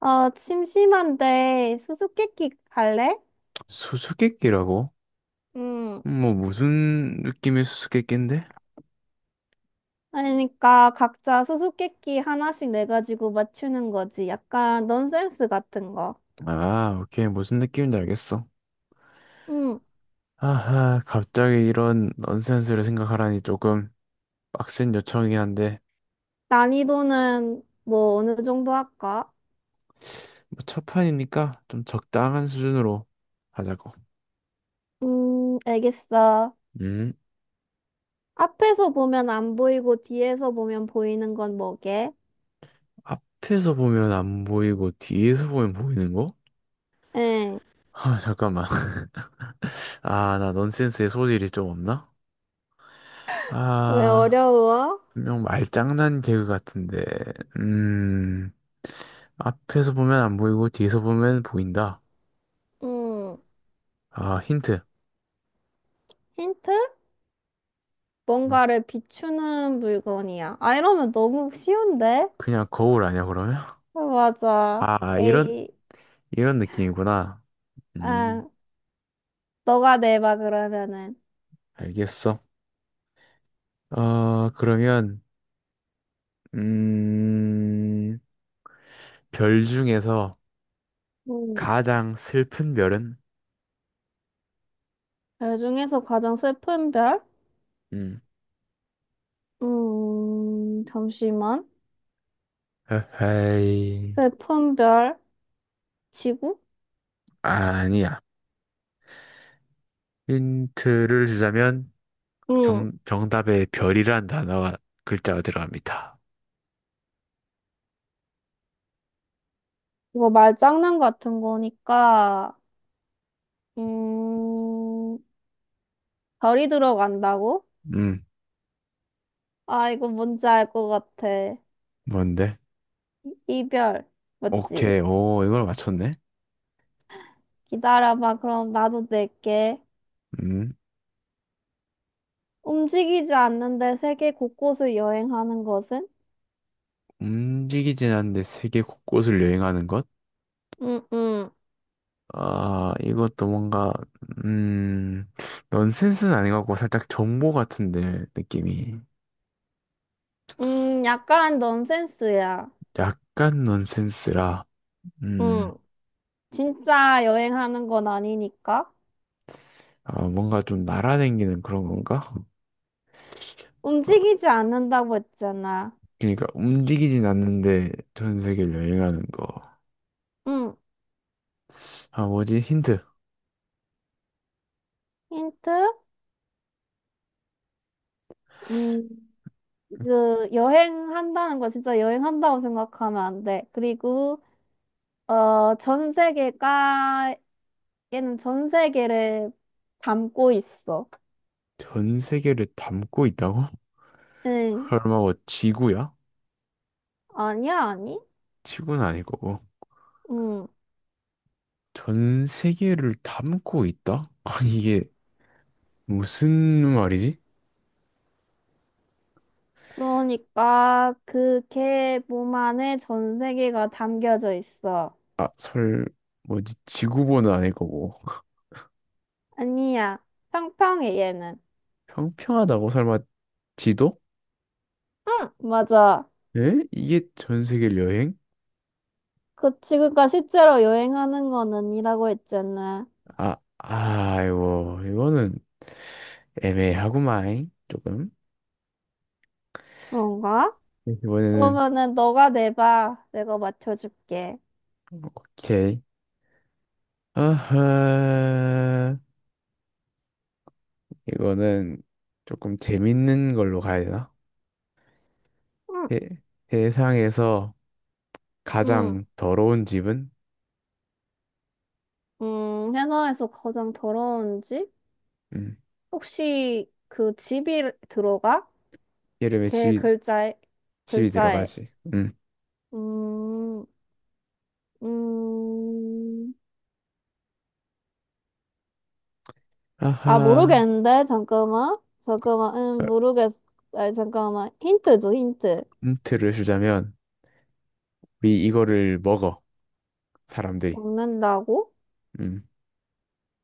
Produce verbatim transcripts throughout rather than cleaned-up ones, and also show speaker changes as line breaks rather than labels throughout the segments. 어, 심심한데 수수께끼 할래?
수수께끼라고?
음,
뭐 무슨 느낌의 수수께끼인데?
그러니까 각자 수수께끼 하나씩 내가지고 맞추는 거지. 약간 넌센스 같은 거.
아, 오케이. 무슨 느낌인지 알겠어.
음,
아하, 갑자기 이런 넌센스를 생각하라니 조금 빡센 요청이긴 한데
난이도는 뭐 어느 정도 할까?
뭐 첫 판이니까 좀 적당한 수준으로 하자고.
음, 알겠어.
음,
앞에서 보면 안 보이고 뒤에서 보면 보이는 건 뭐게?
앞에서 보면 안 보이고 뒤에서 보면 보이는 거?
응.
아, 잠깐만. 아, 나 넌센스의 소질이 좀 없나?
왜
아.
어려워?
분명 말장난 개그 같은데, 음, 앞에서 보면 안 보이고 뒤에서 보면 보인다.
음.
아, 힌트.
힌트?
음,
뭔가를 비추는 물건이야. 아, 이러면 너무 쉬운데?
그냥 거울 아니야, 그러면?
아, 맞아.
아, 이런,
에이,
이런 느낌이구나. 음,
아, 너가 내봐, 그러면은.
알겠어. 어, 그러면, 음, 별 중에서
음.
가장 슬픈 별은?
그 중에서 가장 슬픈 별?
음,
음, 잠시만.
에헤이,
슬픈 별, 지구?
아니야. 힌트를 주자면,
응.
정, 정답에 별이란 단어가 글자가 들어갑니다.
이거 말장난 같은 거니까, 음, 별이 들어간다고?
음,
아, 이거 뭔지 알 것 같아.
뭔데?
이별, 맞지?
오케이, 오, 이걸 맞췄네.
기다려봐, 그럼 나도 낼게.
음,
움직이지 않는데 세계 곳곳을 여행하는 것은?
움직이진 않는데 세계 곳곳을 여행하는 것?
응응.
아, 이것도 뭔가, 음, 넌센스는 아닌 것 같고 살짝 정보 같은데, 느낌이.
음, 약간 넌센스야.
약간 넌센스라, 음,
응, 진짜 여행하는 건 아니니까.
아, 뭔가 좀 날아다니는 그런 건가? 어,
움직이지 않는다고 했잖아.
그러니까 움직이진 않는데 전 세계를 여행하는 거.
응.
아, 뭐지? 힌트.
힌트? 음, 그, 여행한다는 거 진짜 여행한다고 생각하면 안 돼. 그리고, 어, 전 세계가, 얘는 전 세계를 담고 있어.
전 세계를 담고 있다고?
응,
설마 뭐 지구야?
아니야, 아니?
지구는 아닐 거고.
응,
전 세계를 담고 있다? 아니 이게 무슨 말이지?
그러니까, 그, 개 몸 안에 전 세계가 담겨져 있어.
아, 설 뭐지? 지구본은 아닐 거고.
아니야. 평평해, 얘는.
평평하다고 설마 지도?
응, 맞아.
에? 이게 전 세계 여행?
그 지구가 실제로 여행하는 건 아니라고 했잖아.
아, 아이고 이거는 애매하구만 조금.
그런가?
이번에는
그러면은 너가 내봐. 내가 맞춰줄게.
오케이. 아하. 이거는 조금 재밌는 걸로 가야 되나?
응,
세, 세상에서
응.
가장 더러운 집은?
음, 해나에서 가장 더러운 집?
음,
혹시 그 집이 들어가?
이름에
걔
집이,
글자에,
집이
글자에.
들어가지. 음.
음, 음. 아,
아하.
모르겠는데? 잠깐만. 잠깐만.
어,
음, 모르겠. 아, 잠깐만. 힌트 줘, 힌트.
힌트를 주자면, 우리 이거를 먹어, 사람들이.
먹는다고?
음,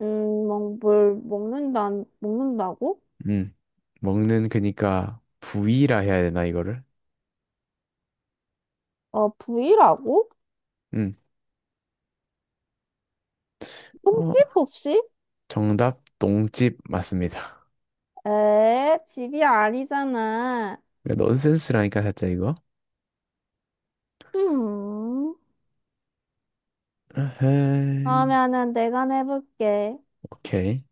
음, 먹, 뭘 먹는다, 먹는다고?
음. 먹는 그니까 부위라 해야 되나, 이거를?
어, 부위라고?
음. 어,
흠집 혹시?
정답, 똥집 맞습니다.
에, 집이 아니잖아.
그러니까 넌센스라니까, 살짝 이거.
음,
아하.
그러면은 내가 내볼게.
오케이.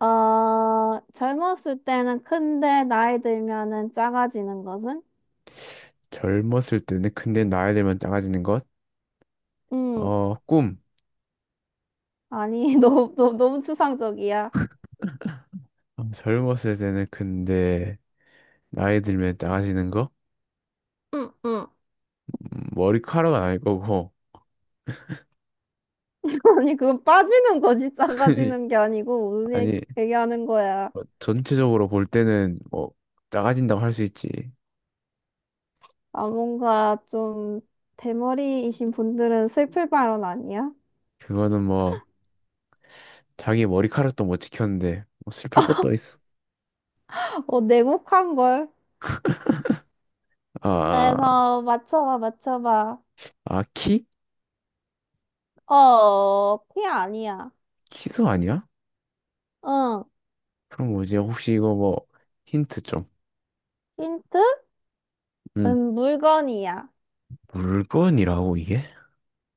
어, 젊었을 때는 큰데 나이 들면은 작아지는 것은?
젊었을 때는 근데 나이 들면 작아지는 것.
음,
어, 꿈.
아니, 너무, 너무, 너무 추상적이야.
아, 젊었을 때는 근데 나이 들면 작아지는 거?
음, 음.
음, 머리카락은 아닐 거고.
아니, 그건 빠지는 거지, 작아지는 게 아니고, 무슨 얘기,
아니,
얘기하는 거야.
뭐 전체적으로 볼 때는 뭐 작아진다고 할 수 있지.
아, 뭔가 좀 대머리이신 분들은 슬플 발언 아니야?
그거는 뭐 자기 머리카락도 못 지켰는데 뭐 슬플 것도 있어.
어, 내곡한 걸.
아,
그래서 맞춰봐, 맞춰봐.
아, 키?
어, 피 아니야.
키도 아니야?
응.
그럼 뭐지? 혹시 이거 뭐 힌트 좀.
힌트?
음,
음, 물건이야.
물건이라고 이게?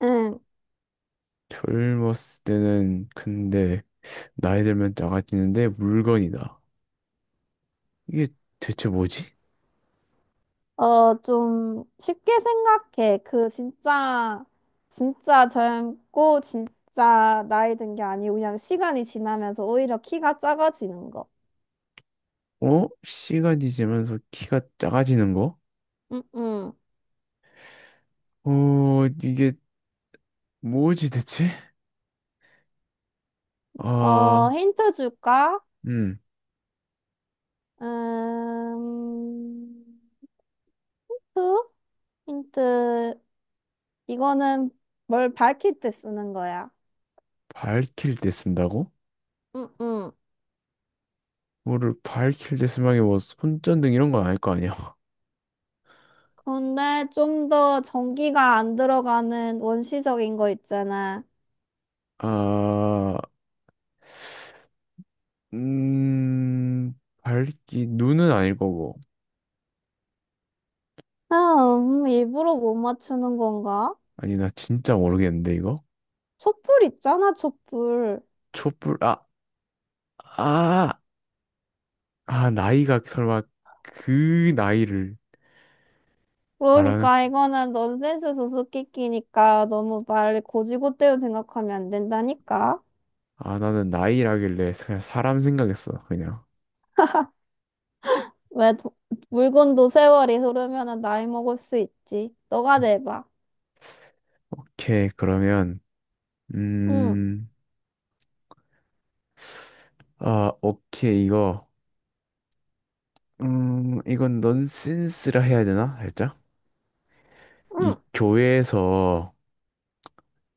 응.
젊었을 때는 근데 나이 들면 작아지는데 물건이다. 이게 대체 뭐지?
어, 좀 쉽게 생각해. 그 진짜 진짜 젊고 진짜 나이 든 게 아니고 그냥 시간이 지나면서 오히려 키가 작아지는 거.
어? 시간이 지나면서 키가 작아지는 거?
응, 응.
어, 이게 뭐지 대체?
어,
아,
힌트 줄까?
음,
음, 투? 힌트. 이거는 뭘 밝힐 때 쓰는 거야.
밝힐 때 쓴다고?
응, 응.
뭐를 밝힐 때 쓰면 이게 뭐 손전등 이런 건 아닐 거 아니야?
근데 좀 더 전기가 안 들어가는 원시적인 거 있잖아.
아, 음, 밝기, 눈은 아닐 거고.
아, 음, 일부러 못 맞추는 건가?
아니, 나 진짜 모르겠는데, 이거?
촛불 있잖아, 촛불.
촛불, 아, 아, 아, 나이가 설마 그 나이를 말하는, 거-
그러니까 이거는 넌센스 수수께끼니까 너무 말 고지고대로 생각하면 안 된다니까.
아, 나는 나이라길래 그냥 사람 생각했어, 그냥.
왜 도- 물건도 세월이 흐르면 나이 먹을 수 있지. 너가 내봐.
오케이, 그러면.
응,
음, 아, 오케이, 이거. 음, 이건 넌센스라 해야 되나? 살짝? 이
응,
교회에서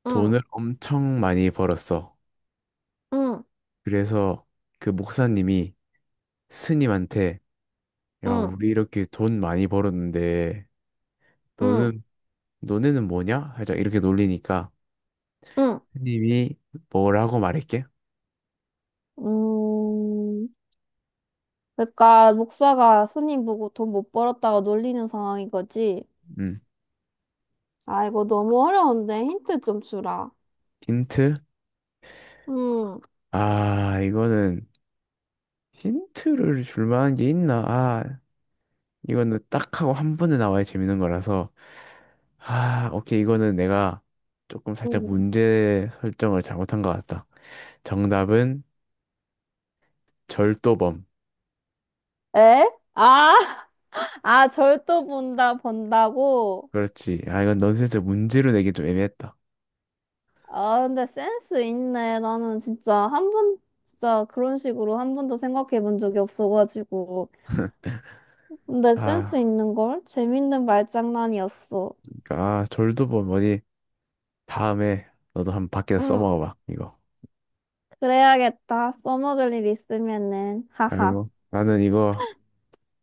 응,
돈을 엄청 많이 벌었어.
응,
그래서 그 목사님이 스님한테, 야,
응,
우리 이렇게 돈 많이 벌었는데,
응,
너는, 너네는 뭐냐? 살짝 이렇게 놀리니까,
응.
스님이 뭐라고 말할게?
음, 그러니까 목사가 스님 보고 돈 못 벌었다고 놀리는 상황인 거지.
음,
아, 이거 너무 어려운데 힌트 좀 주라.
힌트?
응,
아, 이거는 힌트를 줄 만한 게 있나? 아, 이거는 딱 하고 한 번에 나와야 재밌는 거라서 아, 오케이. 이거는 내가 조금 살짝
응.
문제 설정을 잘못한 것 같다. 정답은 절도범.
에? 아, 아, 절도 본다, 본다고?
그렇지. 아, 이건 넌센스 문제로 내기 좀 애매했다.
아, 근데 센스 있네. 나는 진짜 한 번, 진짜 그런 식으로 한 번도 생각해 본 적이 없어가지고. 근데 센스
아,
있는 걸? 재밌는 말장난이었어.
그러니까 아, 절도범 뭐니? 다음에 너도 한번 밖에서
응,
써먹어봐. 이거.
그래야겠다. 써먹을 일 있으면은. 하하.
아이고, 나는 이거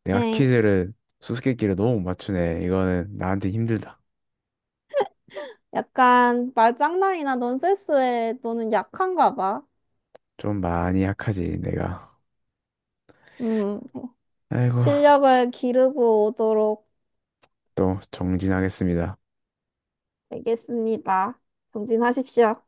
내가
엥.
퀴즈를 수수께끼를 너무 못 맞추네. 이거는 나한테 힘들다.
약간 말장난이나 넌센스에 너는 약한가 봐.
좀 많이 약하지, 내가.
음.
아이고,
실력을 기르고 오도록
또 정진하겠습니다.
알겠습니다. 정진하십시오.